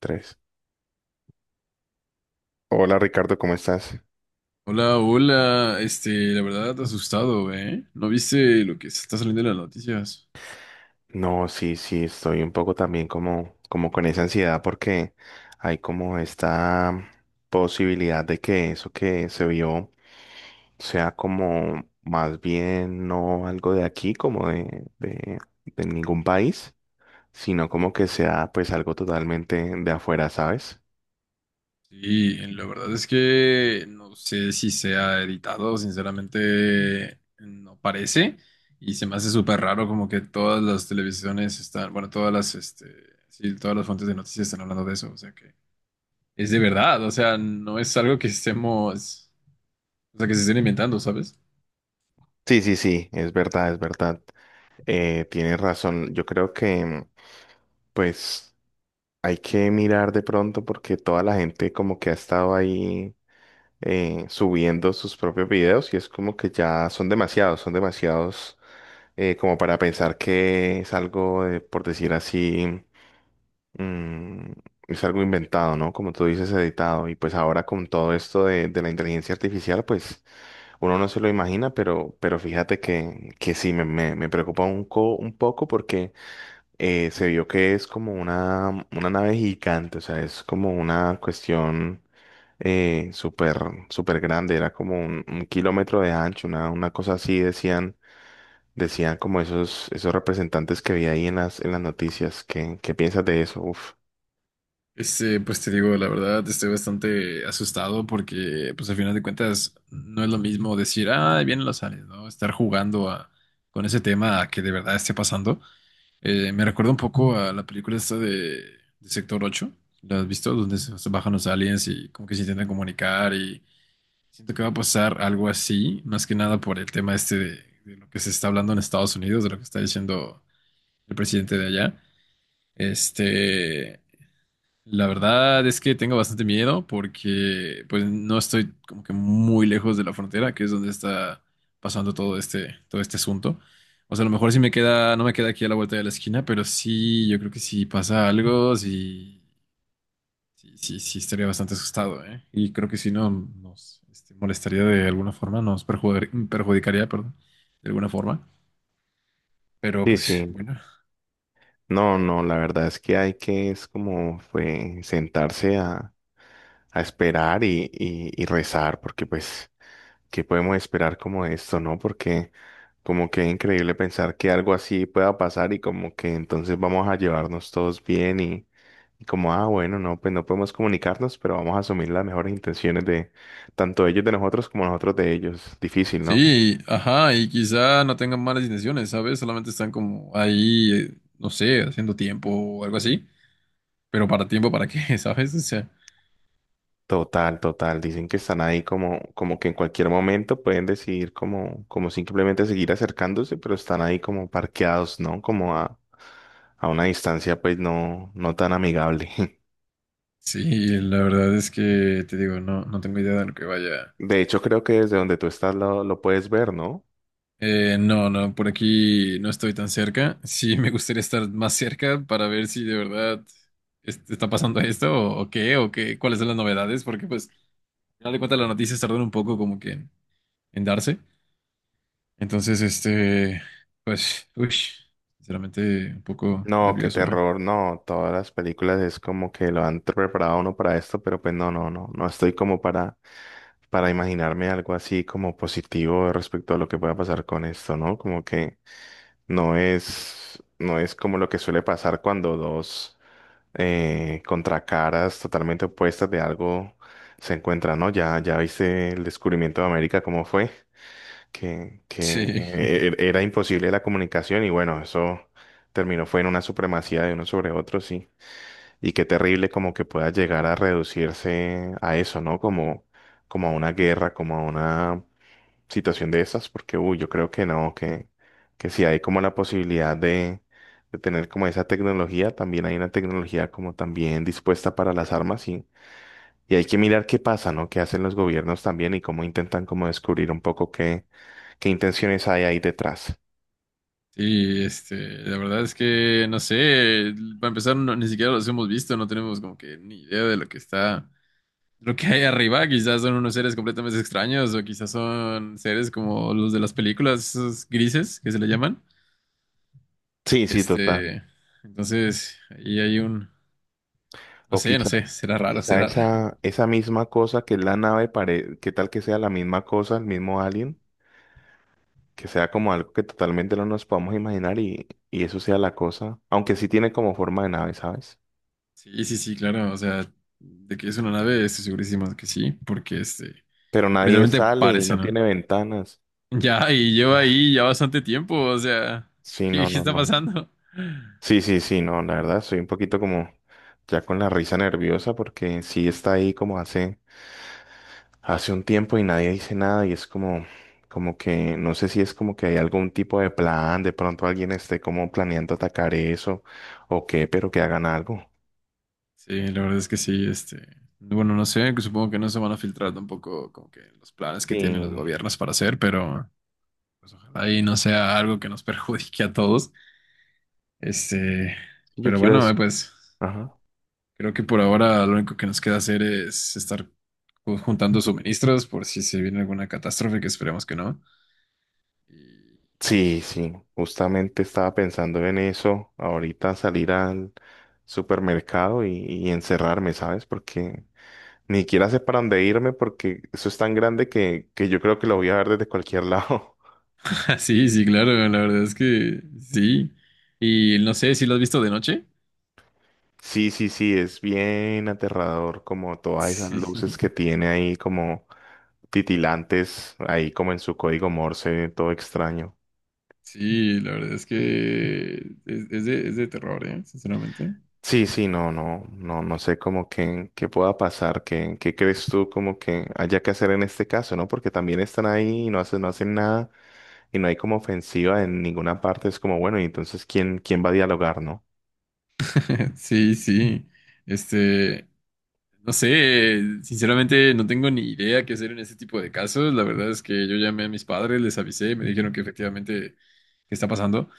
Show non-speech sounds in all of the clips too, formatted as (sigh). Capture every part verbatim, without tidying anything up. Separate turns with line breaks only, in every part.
Tres. Hola, Ricardo, ¿cómo estás?
Hola, hola. Este, la verdad, asustado, ¿eh? ¿No viste lo que se está saliendo en las noticias?
No, sí, sí, estoy un poco también como, como con esa ansiedad porque hay como esta posibilidad de que eso que se vio sea como más bien no algo de aquí, como de, de, de ningún país, sino como que sea pues algo totalmente de afuera, ¿sabes?
Sí, la verdad es que no sé si sea editado, sinceramente no parece. Y se me hace súper raro como que todas las televisiones están, bueno, todas las, este, sí, todas las fuentes de noticias están hablando de eso. O sea que es de verdad, o sea, no es algo que estemos, o sea, que se estén inventando, ¿sabes?
Sí, sí, sí, es verdad, es verdad. Eh, tienes razón. Yo creo que pues, hay que mirar de pronto porque toda la gente como que ha estado ahí, eh, subiendo sus propios videos y es como que ya son demasiados, son demasiados, eh, como para pensar que es algo, eh, por decir así, mm, es algo inventado, ¿no? Como tú dices, editado. Y pues ahora con todo esto de, de la inteligencia artificial, pues uno no se lo imagina, pero, pero fíjate que, que sí, me, me, me preocupa un, co- un poco porque eh, se vio que es como una, una nave gigante, o sea, es como una cuestión eh, súper, súper grande, era como un, un kilómetro de ancho, una, una cosa así, decían, decían como esos, esos representantes que vi ahí en las, en las noticias. ¿Qué, qué piensas de eso? Uf.
Este, pues te digo, la verdad, estoy bastante asustado porque, pues al final de cuentas, no es lo mismo decir, ah, ahí vienen los aliens, ¿no? Estar jugando a- con ese tema a que de verdad esté pasando. Eh, me recuerda un poco a la película esta de, de Sector ocho, ¿la has visto? Donde se, se bajan los aliens y como que se intentan comunicar y siento que va a pasar algo así, más que nada por el tema este de, de lo que se está hablando en Estados Unidos, de lo que está diciendo el presidente de allá. Este. La verdad es que tengo bastante miedo porque pues no estoy como que muy lejos de la frontera, que es donde está pasando todo este, todo este asunto. O sea, a lo mejor sí me queda, no me queda aquí a la vuelta de la esquina, pero sí, yo creo que si pasa algo, sí, sí, sí, sí estaría bastante asustado, ¿eh? Y creo que si no nos este, molestaría de alguna forma, nos perjudicar- perjudicaría, perdón, de alguna forma. Pero
Sí,
pues
sí.
bueno,
No, no, la verdad es que hay que, es como, fue sentarse a, a esperar y, y, y rezar, porque pues, ¿qué podemos esperar como de esto, no? Porque como que es increíble pensar que algo así pueda pasar y como que entonces vamos a llevarnos todos bien y, y como, ah, bueno, no, pues no podemos comunicarnos, pero vamos a asumir las mejores intenciones de tanto ellos de nosotros como nosotros de ellos. Difícil, ¿no?
sí, ajá, y quizá no tengan malas intenciones, ¿sabes? Solamente están como ahí, eh, no sé, haciendo tiempo o algo así. Pero para tiempo, ¿para qué? (laughs) ¿Sabes? O sea,
Total, total. Dicen que están ahí como, como que en cualquier momento pueden decidir como, como simplemente seguir acercándose, pero están ahí como parqueados, ¿no? Como a, a una distancia pues no, no tan amigable. (laughs)
sí, la verdad es que te digo, no, no tengo idea de lo que vaya.
De hecho, creo que desde donde tú estás lo, lo puedes ver, ¿no?
Eh, no, no, por aquí no estoy tan cerca. Sí, (laughs) me gustaría estar más cerca para ver si de verdad es- está pasando esto o, o qué, o qué, cuáles son las novedades, porque pues, al final de cuentas las noticias tardan un poco como que en en darse. Entonces, este, pues, uy, sinceramente un poco
No, qué
nervioso, ¿eh?
terror, no. Todas las películas es como que lo han preparado a uno para esto, pero pues no, no, no. No estoy como para, para imaginarme algo así como positivo respecto a lo que pueda pasar con esto, ¿no? Como que No es, no es como lo que suele pasar cuando dos eh, contracaras totalmente opuestas de algo se encuentran, ¿no? Ya, ya viste el descubrimiento de América, cómo fue, que, que
Sí, (laughs)
e- e, era imposible la comunicación y bueno, eso terminó fue en una supremacía de uno sobre otro, sí. Y qué terrible como que pueda llegar a reducirse a eso, ¿no? Como, como a una guerra, como a una situación de esas, porque uy, yo creo que no, que, que si hay como la posibilidad de, de tener como esa tecnología, también hay una tecnología como también dispuesta para las armas y, y hay que mirar qué pasa, ¿no? Qué hacen los gobiernos también y cómo intentan como descubrir un poco qué, qué intenciones hay ahí detrás.
sí, este, la verdad es que no sé, para empezar, no- ni siquiera los hemos visto, no tenemos como que ni idea de lo que está, lo que hay arriba, quizás son unos seres completamente extraños o quizás son seres como los de las películas, esos grises que se le llaman.
Sí, sí, total.
Este, entonces, ahí hay un, no
O
sé, no
quizá,
sé, será
o
raro,
quizá
será raro.
esa, esa misma cosa que es la nave, pare, qué tal que sea la misma cosa, el mismo alien que sea como algo que totalmente no nos podamos imaginar y, y eso sea la cosa, aunque sí tiene como forma de nave, ¿sabes?
Sí, sí, sí, claro, o sea, de que es una nave, estoy segurísimo de que sí, porque este,
Pero nadie
literalmente
sale y
parece,
no tiene
¿no?
ventanas.
Ya, y lleva ahí ya bastante tiempo, o sea, (laughs)
Sí,
¿qué,
no,
qué
no,
está
no.
pasando?
Sí, sí, sí, no, la verdad, soy un poquito como ya con la risa nerviosa porque sí está ahí como hace, hace un tiempo y nadie dice nada y es como, como que, no sé si es como que hay algún tipo de plan, de pronto alguien esté como planeando atacar eso o qué, pero que hagan algo.
Sí, la verdad es que sí, este, bueno, no sé, que supongo que no se van a filtrar tampoco como que los planes que tienen los
Sí,
gobiernos para hacer, pero pues ojalá y no sea algo que nos (laughs) perjudique a todos, este,
yo
pero
quiero
bueno, eh,
es,
pues.
ajá.
Creo que por ahora lo único que nos queda hacer es estar ju- juntando suministros por si se viene alguna catástrofe, que esperemos que no. Y-
Sí, sí, justamente estaba pensando en eso, ahorita salir al supermercado y, y encerrarme, ¿sabes? Porque ni siquiera sé para dónde irme porque eso es tan grande que, que yo creo que lo voy a ver desde cualquier lado. (laughs)
(laughs) sí, sí, claro, la verdad es que sí. Y no sé si lo has visto de noche.
Sí, sí, sí, es bien aterrador como todas esas
Sí, (laughs)
luces que tiene ahí como titilantes, ahí como en su código Morse, todo extraño.
sí, la verdad es que es, es de, es de terror, ¿eh? Sinceramente.
Sí, sí, no, no, no, no sé cómo que, qué pueda pasar, qué, qué crees tú como que haya que hacer en este caso, ¿no? Porque también están ahí y no hacen, no hacen nada y no hay como ofensiva en ninguna parte. Es como, bueno, y entonces, ¿quién, quién va a dialogar, no?
(laughs) Sí, sí. Este, no sé, sinceramente no tengo ni idea qué hacer en este tipo de casos. La verdad es que yo llamé a mis padres, les avisé, me dijeron que efectivamente qué está pasando.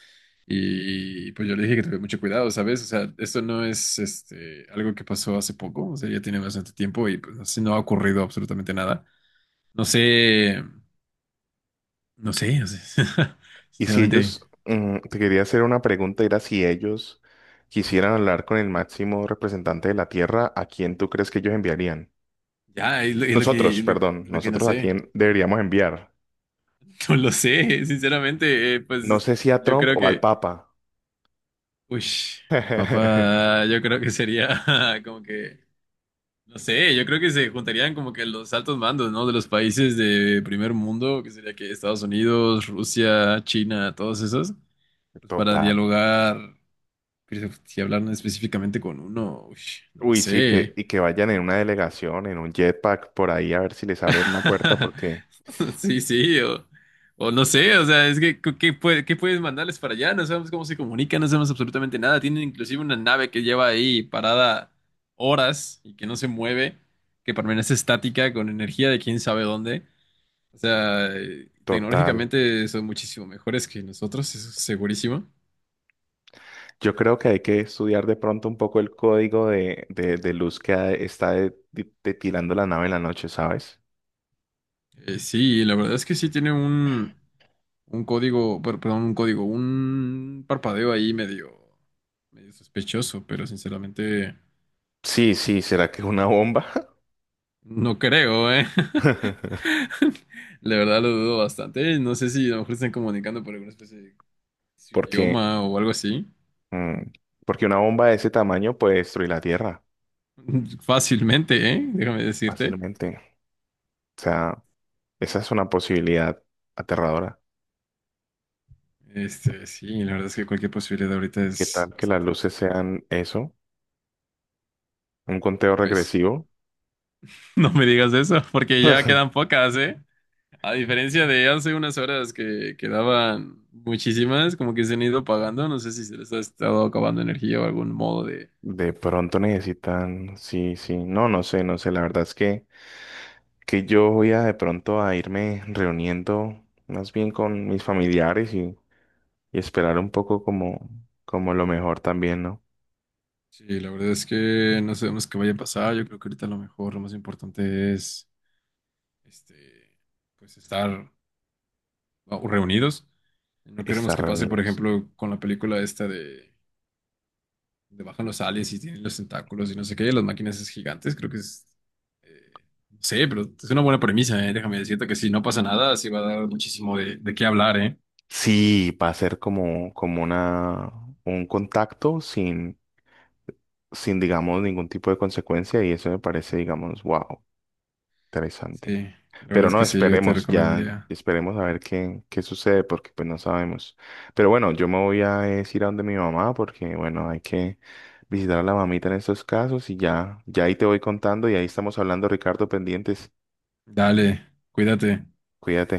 Y pues yo le dije que tuviera mucho cuidado, ¿sabes? O sea, esto no es este, algo que pasó hace poco, o sea, ya tiene bastante tiempo y pues así no ha ocurrido absolutamente nada. No sé, no sé, no sé. (laughs)
Y si
Sinceramente,
ellos, mm, te quería hacer una pregunta, era si ellos quisieran hablar con el máximo representante de la Tierra, ¿a quién tú crees que ellos enviarían?
ya, es lo, es lo que,
Nosotros,
es lo,
perdón,
lo que no
nosotros a
sé.
quién deberíamos enviar.
(laughs) No lo sé, sinceramente, eh,
No
pues
sé si a
yo
Trump
creo
o al
que,
Papa.
uy, el
(laughs)
Papa, yo creo que sería (laughs) como que no sé, yo creo que se juntarían como que los altos mandos, ¿no? De los países de primer mundo, que sería que Estados Unidos, Rusia, China, todos esos, pues para
Total.
dialogar, pero si hablaran específicamente con uno, uy, no lo
Uy, sí, que,
sé.
y que vayan en una delegación, en un jetpack, por ahí a ver si les abren una puerta,
(laughs)
porque
Sí, sí, o, o no sé, o sea, es que ¿qué, qué puede- qué puedes mandarles para allá? No sabemos cómo se comunican, no sabemos absolutamente nada. Tienen inclusive una nave que lleva ahí parada horas y que no se mueve, que permanece estática con energía de quién sabe dónde. O sea, eh,
total.
tecnológicamente son muchísimo mejores que nosotros, eso es segurísimo.
Yo creo que hay que estudiar de pronto un poco el código de, de, de luz que ha- está de- de- detilando la nave en la noche, ¿sabes?
Eh, sí, la verdad es que sí tiene un, un código, per- perdón, un código, un parpadeo ahí medio, medio sospechoso, pero sinceramente
Sí, sí, ¿será que es una bomba?
no creo, ¿eh? (laughs)
(laughs)
La verdad lo dudo bastante. No sé si a lo mejor están comunicando por alguna especie de su
Porque,
idioma o algo así.
mm, porque una bomba de ese tamaño puede destruir la Tierra
(laughs) Fácilmente, ¿eh? Déjame decirte.
fácilmente. O sea, esa es una posibilidad aterradora.
Este, sí, la verdad es que cualquier posibilidad ahorita
¿Qué
es
tal que las
bastante,
luces sean eso? Un conteo
pues.
regresivo.
(laughs) No me digas eso, porque ya quedan pocas, ¿eh? A diferencia de hace unas horas que quedaban muchísimas, como que se han ido pagando. No sé si se les ha estado acabando energía o algún modo de...
De pronto necesitan, sí, sí, no, no sé, no sé, la verdad es que, que yo voy a de pronto a irme reuniendo más bien con mis familiares y, y esperar un poco como, como lo mejor también, ¿no?
Sí, la verdad es que no sabemos qué vaya a pasar. Yo creo que ahorita lo mejor, lo más importante es, este, pues estar reunidos. No queremos
Estar
que pase, por
reunidos.
ejemplo, con la película esta de... donde bajan los aliens y tienen los tentáculos y no sé qué, las máquinas es gigantes, creo que es... eh, no sé, pero es una buena premisa, ¿eh? Déjame decirte que si no pasa nada, sí va a dar muchísimo de, de qué hablar, ¿eh?
Sí, va a ser como, como una, un contacto sin, sin, digamos, ningún tipo de consecuencia y eso me parece, digamos, wow,
Sí,
interesante.
la verdad
Pero
es
no,
que sí, yo te
esperemos, ya
recomendaría.
esperemos a ver qué, qué sucede, porque pues no sabemos. Pero bueno, yo me voy a es, ir a donde mi mamá, porque bueno, hay que visitar a la mamita en estos casos y ya, ya ahí te voy contando y ahí estamos hablando, Ricardo, pendientes.
Dale, cuídate.
Cuídate.